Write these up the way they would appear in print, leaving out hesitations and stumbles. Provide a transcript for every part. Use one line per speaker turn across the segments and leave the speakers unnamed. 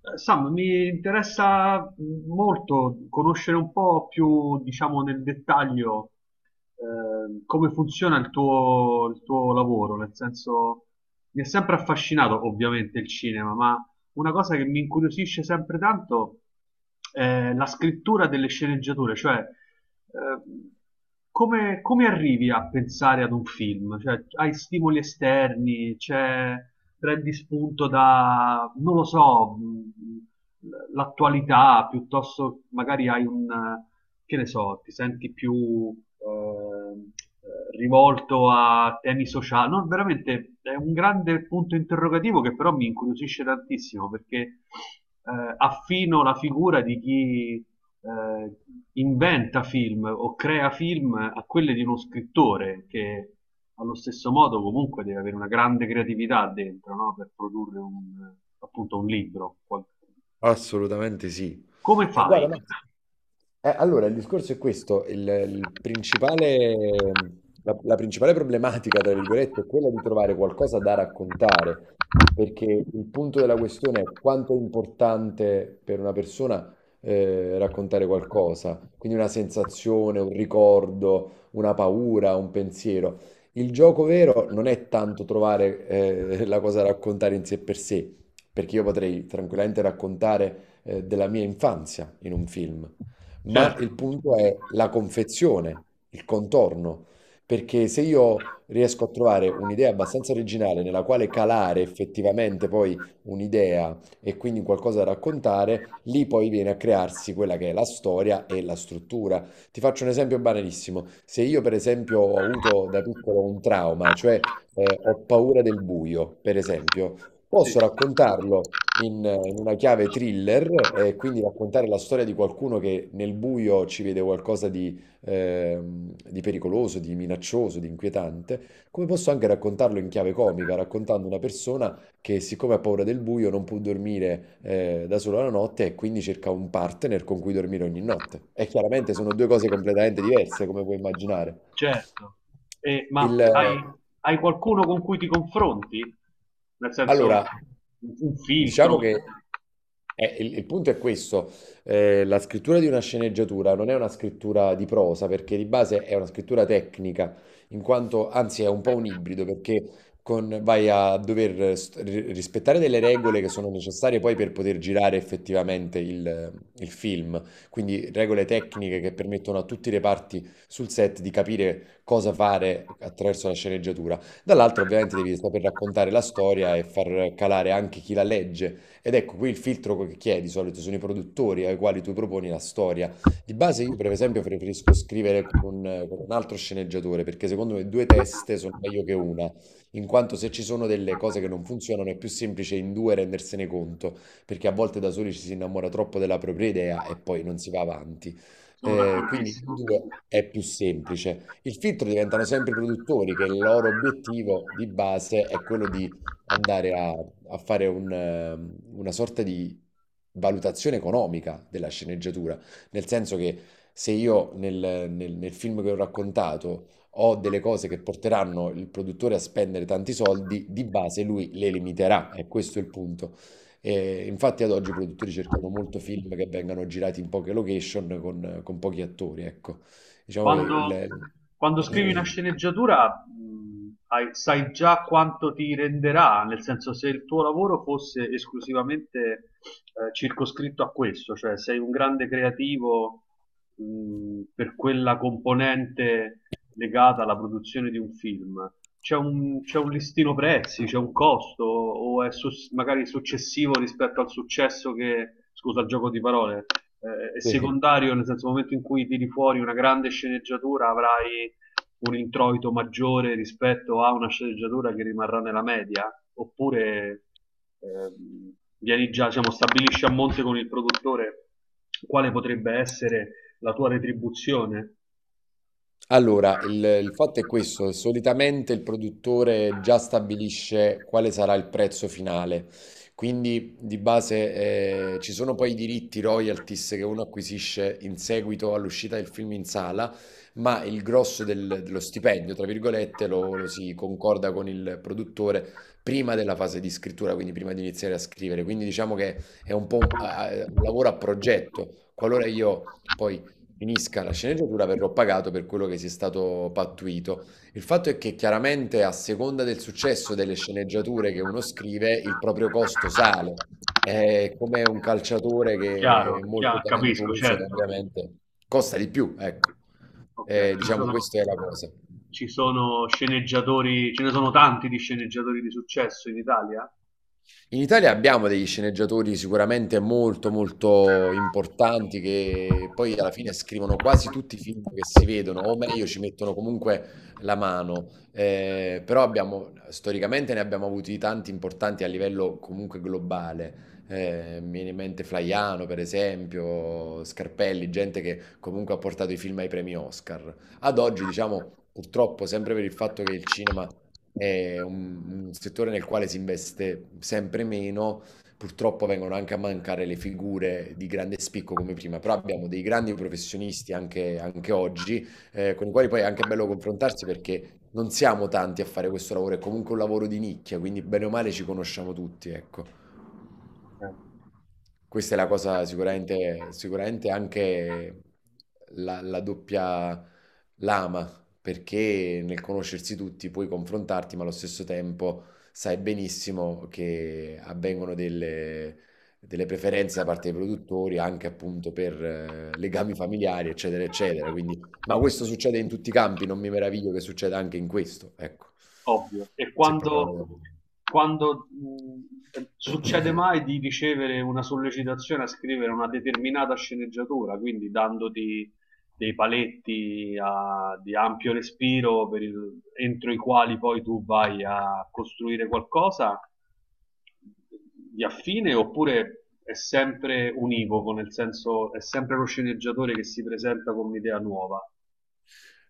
Sam, mi interessa molto conoscere un po' più, diciamo, nel dettaglio come funziona il tuo lavoro, nel senso mi è sempre affascinato ovviamente il cinema, ma una cosa che mi incuriosisce sempre tanto è la scrittura delle sceneggiature, cioè ehm, come arrivi a pensare ad un film? Cioè, hai stimoli esterni, c'è, prendi spunto da, non lo so, l'attualità, piuttosto magari hai un, che ne so, ti senti più ehm, rivolto a temi sociali. No, veramente è un grande punto interrogativo che però mi incuriosisce tantissimo perché affino la figura di chi eh, inventa film o crea film a quelle di uno scrittore che allo stesso modo comunque deve avere una grande creatività dentro, no? Per produrre un, appunto un libro.
Assolutamente sì.
Come
Guarda,
fai?
no. Allora, il discorso è questo, il principale, la principale problematica, tra virgolette, è quella di trovare qualcosa da raccontare, perché il punto della questione è quanto è importante per una persona raccontare qualcosa, quindi una sensazione, un ricordo, una paura, un pensiero. Il gioco vero non è tanto trovare la cosa da raccontare in sé per sé, perché io potrei tranquillamente raccontare della mia infanzia in un film, ma
Certo,
il punto è la confezione, il contorno, perché se io riesco a trovare un'idea abbastanza originale nella quale calare effettivamente poi un'idea e quindi qualcosa da raccontare, lì poi viene a crearsi quella che è la storia e la struttura. Ti faccio un esempio banalissimo. Se io per esempio ho avuto da piccolo un trauma, cioè ho paura del buio, per esempio,
sì.
posso raccontarlo in una chiave thriller e quindi raccontare la storia di qualcuno che nel buio ci vede qualcosa di pericoloso, di minaccioso, di inquietante, come posso anche raccontarlo in chiave comica, raccontando una persona che siccome ha paura del buio non può dormire da sola la notte e quindi cerca un partner con cui dormire ogni notte. E chiaramente sono due cose completamente diverse, come puoi immaginare.
Certo. E, ma
Il,
hai, hai qualcuno con cui ti confronti? Nel senso, un
Allora,
un filtro,
diciamo che il punto è questo, la scrittura di una sceneggiatura non è una scrittura di prosa perché di base è una scrittura tecnica, in quanto anzi è un po' un ibrido perché vai a dover rispettare delle regole che sono necessarie poi per poter girare effettivamente il film, quindi regole tecniche che permettono a tutti i reparti sul set di capire cosa fare attraverso la sceneggiatura. Dall'altro ovviamente devi saper raccontare la storia e far calare anche chi la legge. Ed ecco, qui il filtro che chi è di solito sono i produttori ai quali tu proponi la storia. Di base io per esempio preferisco scrivere con un altro sceneggiatore, perché secondo me due teste sono meglio che una, in quanto se ci sono delle cose che non funzionano è più semplice in due rendersene conto, perché a volte da soli ci si innamora troppo della propria idea e poi non si va avanti.
sono
Quindi in
d'accordissimo.
due è più semplice. Il filtro diventano sempre i produttori, che il loro obiettivo di base è quello di andare a fare un, una sorta di valutazione economica della sceneggiatura, nel senso che se io nel film che ho raccontato ho delle cose che porteranno il produttore a spendere tanti soldi, di base lui le limiterà, e questo è il punto. E infatti ad oggi i produttori cercano molto film che vengano girati in poche location con pochi attori, ecco. Diciamo che
Quando,
il...
quando scrivi una sceneggiatura, sai già quanto ti renderà, nel senso se il tuo lavoro fosse esclusivamente circoscritto a questo, cioè sei un grande creativo per quella componente legata alla produzione di un film. C'è un listino prezzi, c'è un costo, o è magari successivo rispetto al successo che, scusa il gioco di parole, è
sì,
secondario, nel senso nel momento in cui tiri fuori una grande sceneggiatura avrai un introito maggiore rispetto a una sceneggiatura che rimarrà nella media, oppure vieni già, diciamo, stabilisci a monte con il produttore quale potrebbe essere la tua retribuzione.
allora, il fatto è questo, solitamente il produttore già stabilisce quale sarà il prezzo finale, quindi di base ci sono poi i diritti royalties che uno acquisisce in seguito all'uscita del film in sala, ma il grosso dello stipendio, tra virgolette, lo si concorda con il produttore prima della fase di scrittura, quindi prima di iniziare a scrivere, quindi diciamo che è un po' un, un lavoro a progetto, qualora io... Poi finisca la sceneggiatura verrò pagato per quello che sia stato pattuito. Il fatto è che chiaramente a seconda del successo delle sceneggiature che uno scrive, il proprio costo sale. È come un calciatore che è
Chiaro,
molto
chiaro, capisco,
talentuoso,
certo.
ovviamente costa di più, ecco.
Ok,
Diciamo, questa è la cosa.
ci sono sceneggiatori, ce ne sono tanti di sceneggiatori di successo in Italia?
In Italia abbiamo degli sceneggiatori sicuramente molto molto importanti che poi alla fine scrivono quasi tutti i film che si vedono, o meglio ci mettono comunque la mano. Però abbiamo, storicamente ne abbiamo avuti tanti importanti a livello comunque globale. Mi viene in mente Flaiano, per esempio, Scarpelli, gente che comunque ha portato i film ai premi Oscar. Ad oggi, diciamo, purtroppo, sempre per il fatto che il cinema è un settore nel quale si investe sempre meno. Purtroppo vengono anche a mancare le figure di grande spicco come prima, però abbiamo dei grandi professionisti anche, anche oggi, con i quali poi è anche bello confrontarsi perché non siamo tanti a fare questo lavoro, è comunque un lavoro di nicchia, quindi bene o male ci conosciamo tutti, ecco.
Ok.
Questa è la cosa sicuramente, sicuramente anche la doppia lama, perché nel conoscersi tutti puoi confrontarti, ma allo stesso tempo sai benissimo che avvengono delle preferenze da parte dei produttori anche appunto per legami familiari, eccetera, eccetera. Quindi, ma questo succede in tutti i campi, non mi meraviglio che succeda anche in questo, ecco.
Ovvio. E
Se proprio la
quando,
vogliamo.
quando, succede mai di ricevere una sollecitazione a scrivere una determinata sceneggiatura, quindi dandoti dei paletti di ampio respiro per entro i quali poi tu vai a costruire qualcosa di affine, oppure è sempre univoco, nel senso è sempre lo sceneggiatore che si presenta con un'idea nuova?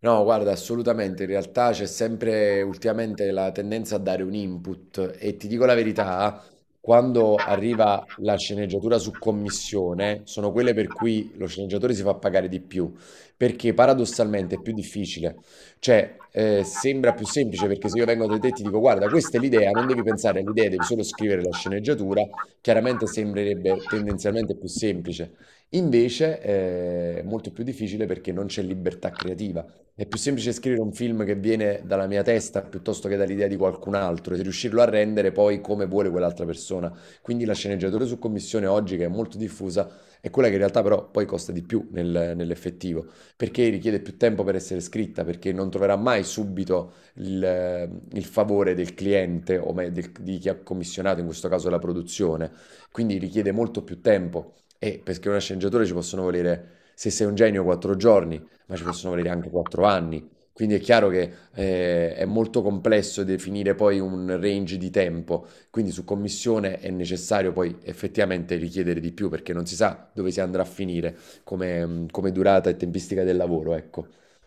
No, guarda, assolutamente, in realtà c'è sempre ultimamente la tendenza a dare un input e ti dico la verità, quando arriva la sceneggiatura su commissione, sono quelle per cui lo sceneggiatore si fa pagare di più, perché paradossalmente è più difficile. Cioè, sembra più semplice perché se io vengo da te e ti dico, guarda, questa è l'idea, non devi pensare all'idea, devi solo scrivere la sceneggiatura, chiaramente sembrerebbe tendenzialmente più semplice. Invece, è molto più difficile perché non c'è libertà creativa. È più semplice scrivere un film che viene dalla mia testa piuttosto che dall'idea di qualcun altro e riuscirlo a rendere poi come vuole quell'altra persona. Quindi la sceneggiatura su commissione oggi, che è molto diffusa, è quella che in realtà però poi costa di più nell'effettivo, perché richiede più tempo per essere scritta, perché non troverà mai subito il favore del cliente o di chi ha commissionato, in questo caso la produzione. Quindi richiede molto più tempo e perché una sceneggiatura ci possono volere, se sei un genio, quattro giorni, ma ci possono volere anche quattro anni. Quindi è chiaro che è molto complesso definire poi un range di tempo, quindi su commissione è necessario poi effettivamente richiedere di più perché non si sa dove si andrà a finire come, come durata e tempistica del lavoro, ecco.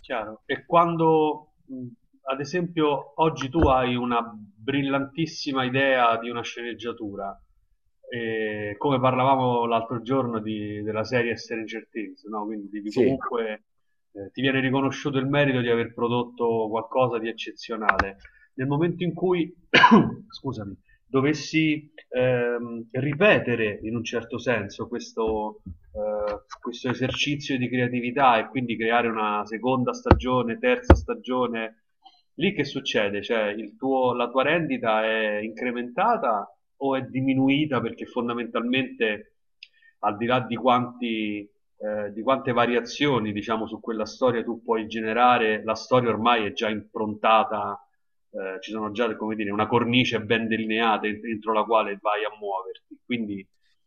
Chiaro. E quando, ad esempio, oggi tu hai una brillantissima idea di una sceneggiatura, e come parlavamo l'altro giorno della serie Stranger Things, no? Quindi devi
Sì,
comunque, ti viene riconosciuto il merito di aver prodotto qualcosa di eccezionale. Nel momento in cui, scusami, dovessi ripetere in un certo senso questo, questo esercizio di creatività e quindi creare una seconda stagione, terza stagione. Lì che succede? Cioè, la tua rendita è incrementata o è diminuita perché fondamentalmente, al di là di quanti, di quante variazioni, diciamo, su quella storia tu puoi generare, la storia ormai è già improntata, ci sono già come dire, una cornice ben delineata dentro la quale vai a muoverti. Quindi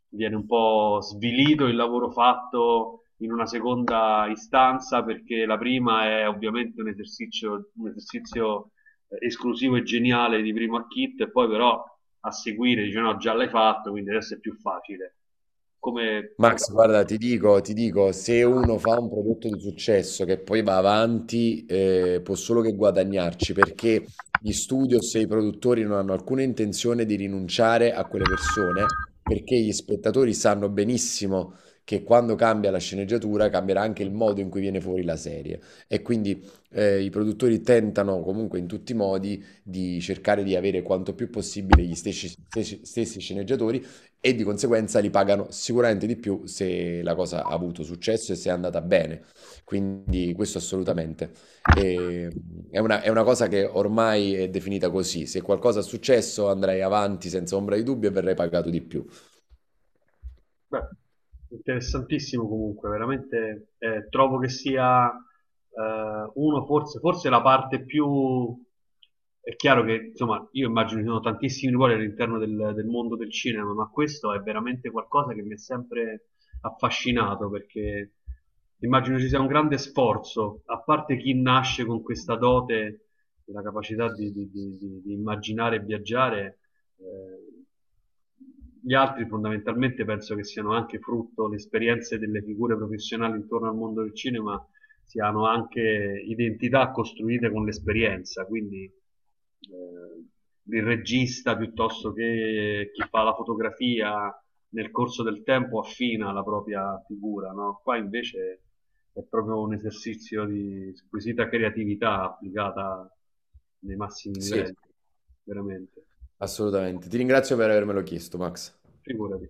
viene un po' svilito il lavoro fatto in una seconda istanza perché la prima è ovviamente un esercizio esclusivo e geniale di primo acchit e poi però a seguire dice no già l'hai fatto quindi adesso è più facile come, come
Max, guarda, ti dico, se uno fa un prodotto di successo che poi va avanti, può solo che guadagnarci, perché gli studios e i produttori non hanno alcuna intenzione di rinunciare a quelle persone, perché gli spettatori sanno benissimo che quando cambia la sceneggiatura cambierà anche il modo in cui viene fuori la serie. E quindi i produttori tentano comunque in tutti i modi di cercare di avere quanto più possibile gli stessi sceneggiatori e di conseguenza li pagano sicuramente di più se la cosa ha avuto successo e se è andata bene. Quindi questo assolutamente. E- è una cosa che ormai è definita così. Se qualcosa è successo andrei avanti senza ombra di dubbio e verrei pagato di più.
Beh, interessantissimo comunque, veramente trovo che sia uno forse, forse la parte più... È chiaro che, insomma, io immagino ci sono tantissimi ruoli all'interno del mondo del cinema, ma questo è veramente qualcosa che mi ha sempre affascinato perché immagino ci sia un grande sforzo, a parte chi nasce con questa dote, la capacità di, di immaginare e viaggiare, eh, gli altri fondamentalmente penso che siano anche frutto le esperienze delle figure professionali intorno al mondo del cinema, siano anche identità costruite con l'esperienza, quindi il regista piuttosto che chi fa la fotografia nel corso del tempo affina la propria figura, no? Qua invece è proprio un esercizio di squisita creatività applicata nei massimi
Sì,
livelli, veramente.
assolutamente. Ti ringrazio per avermelo chiesto, Max.
Figurati.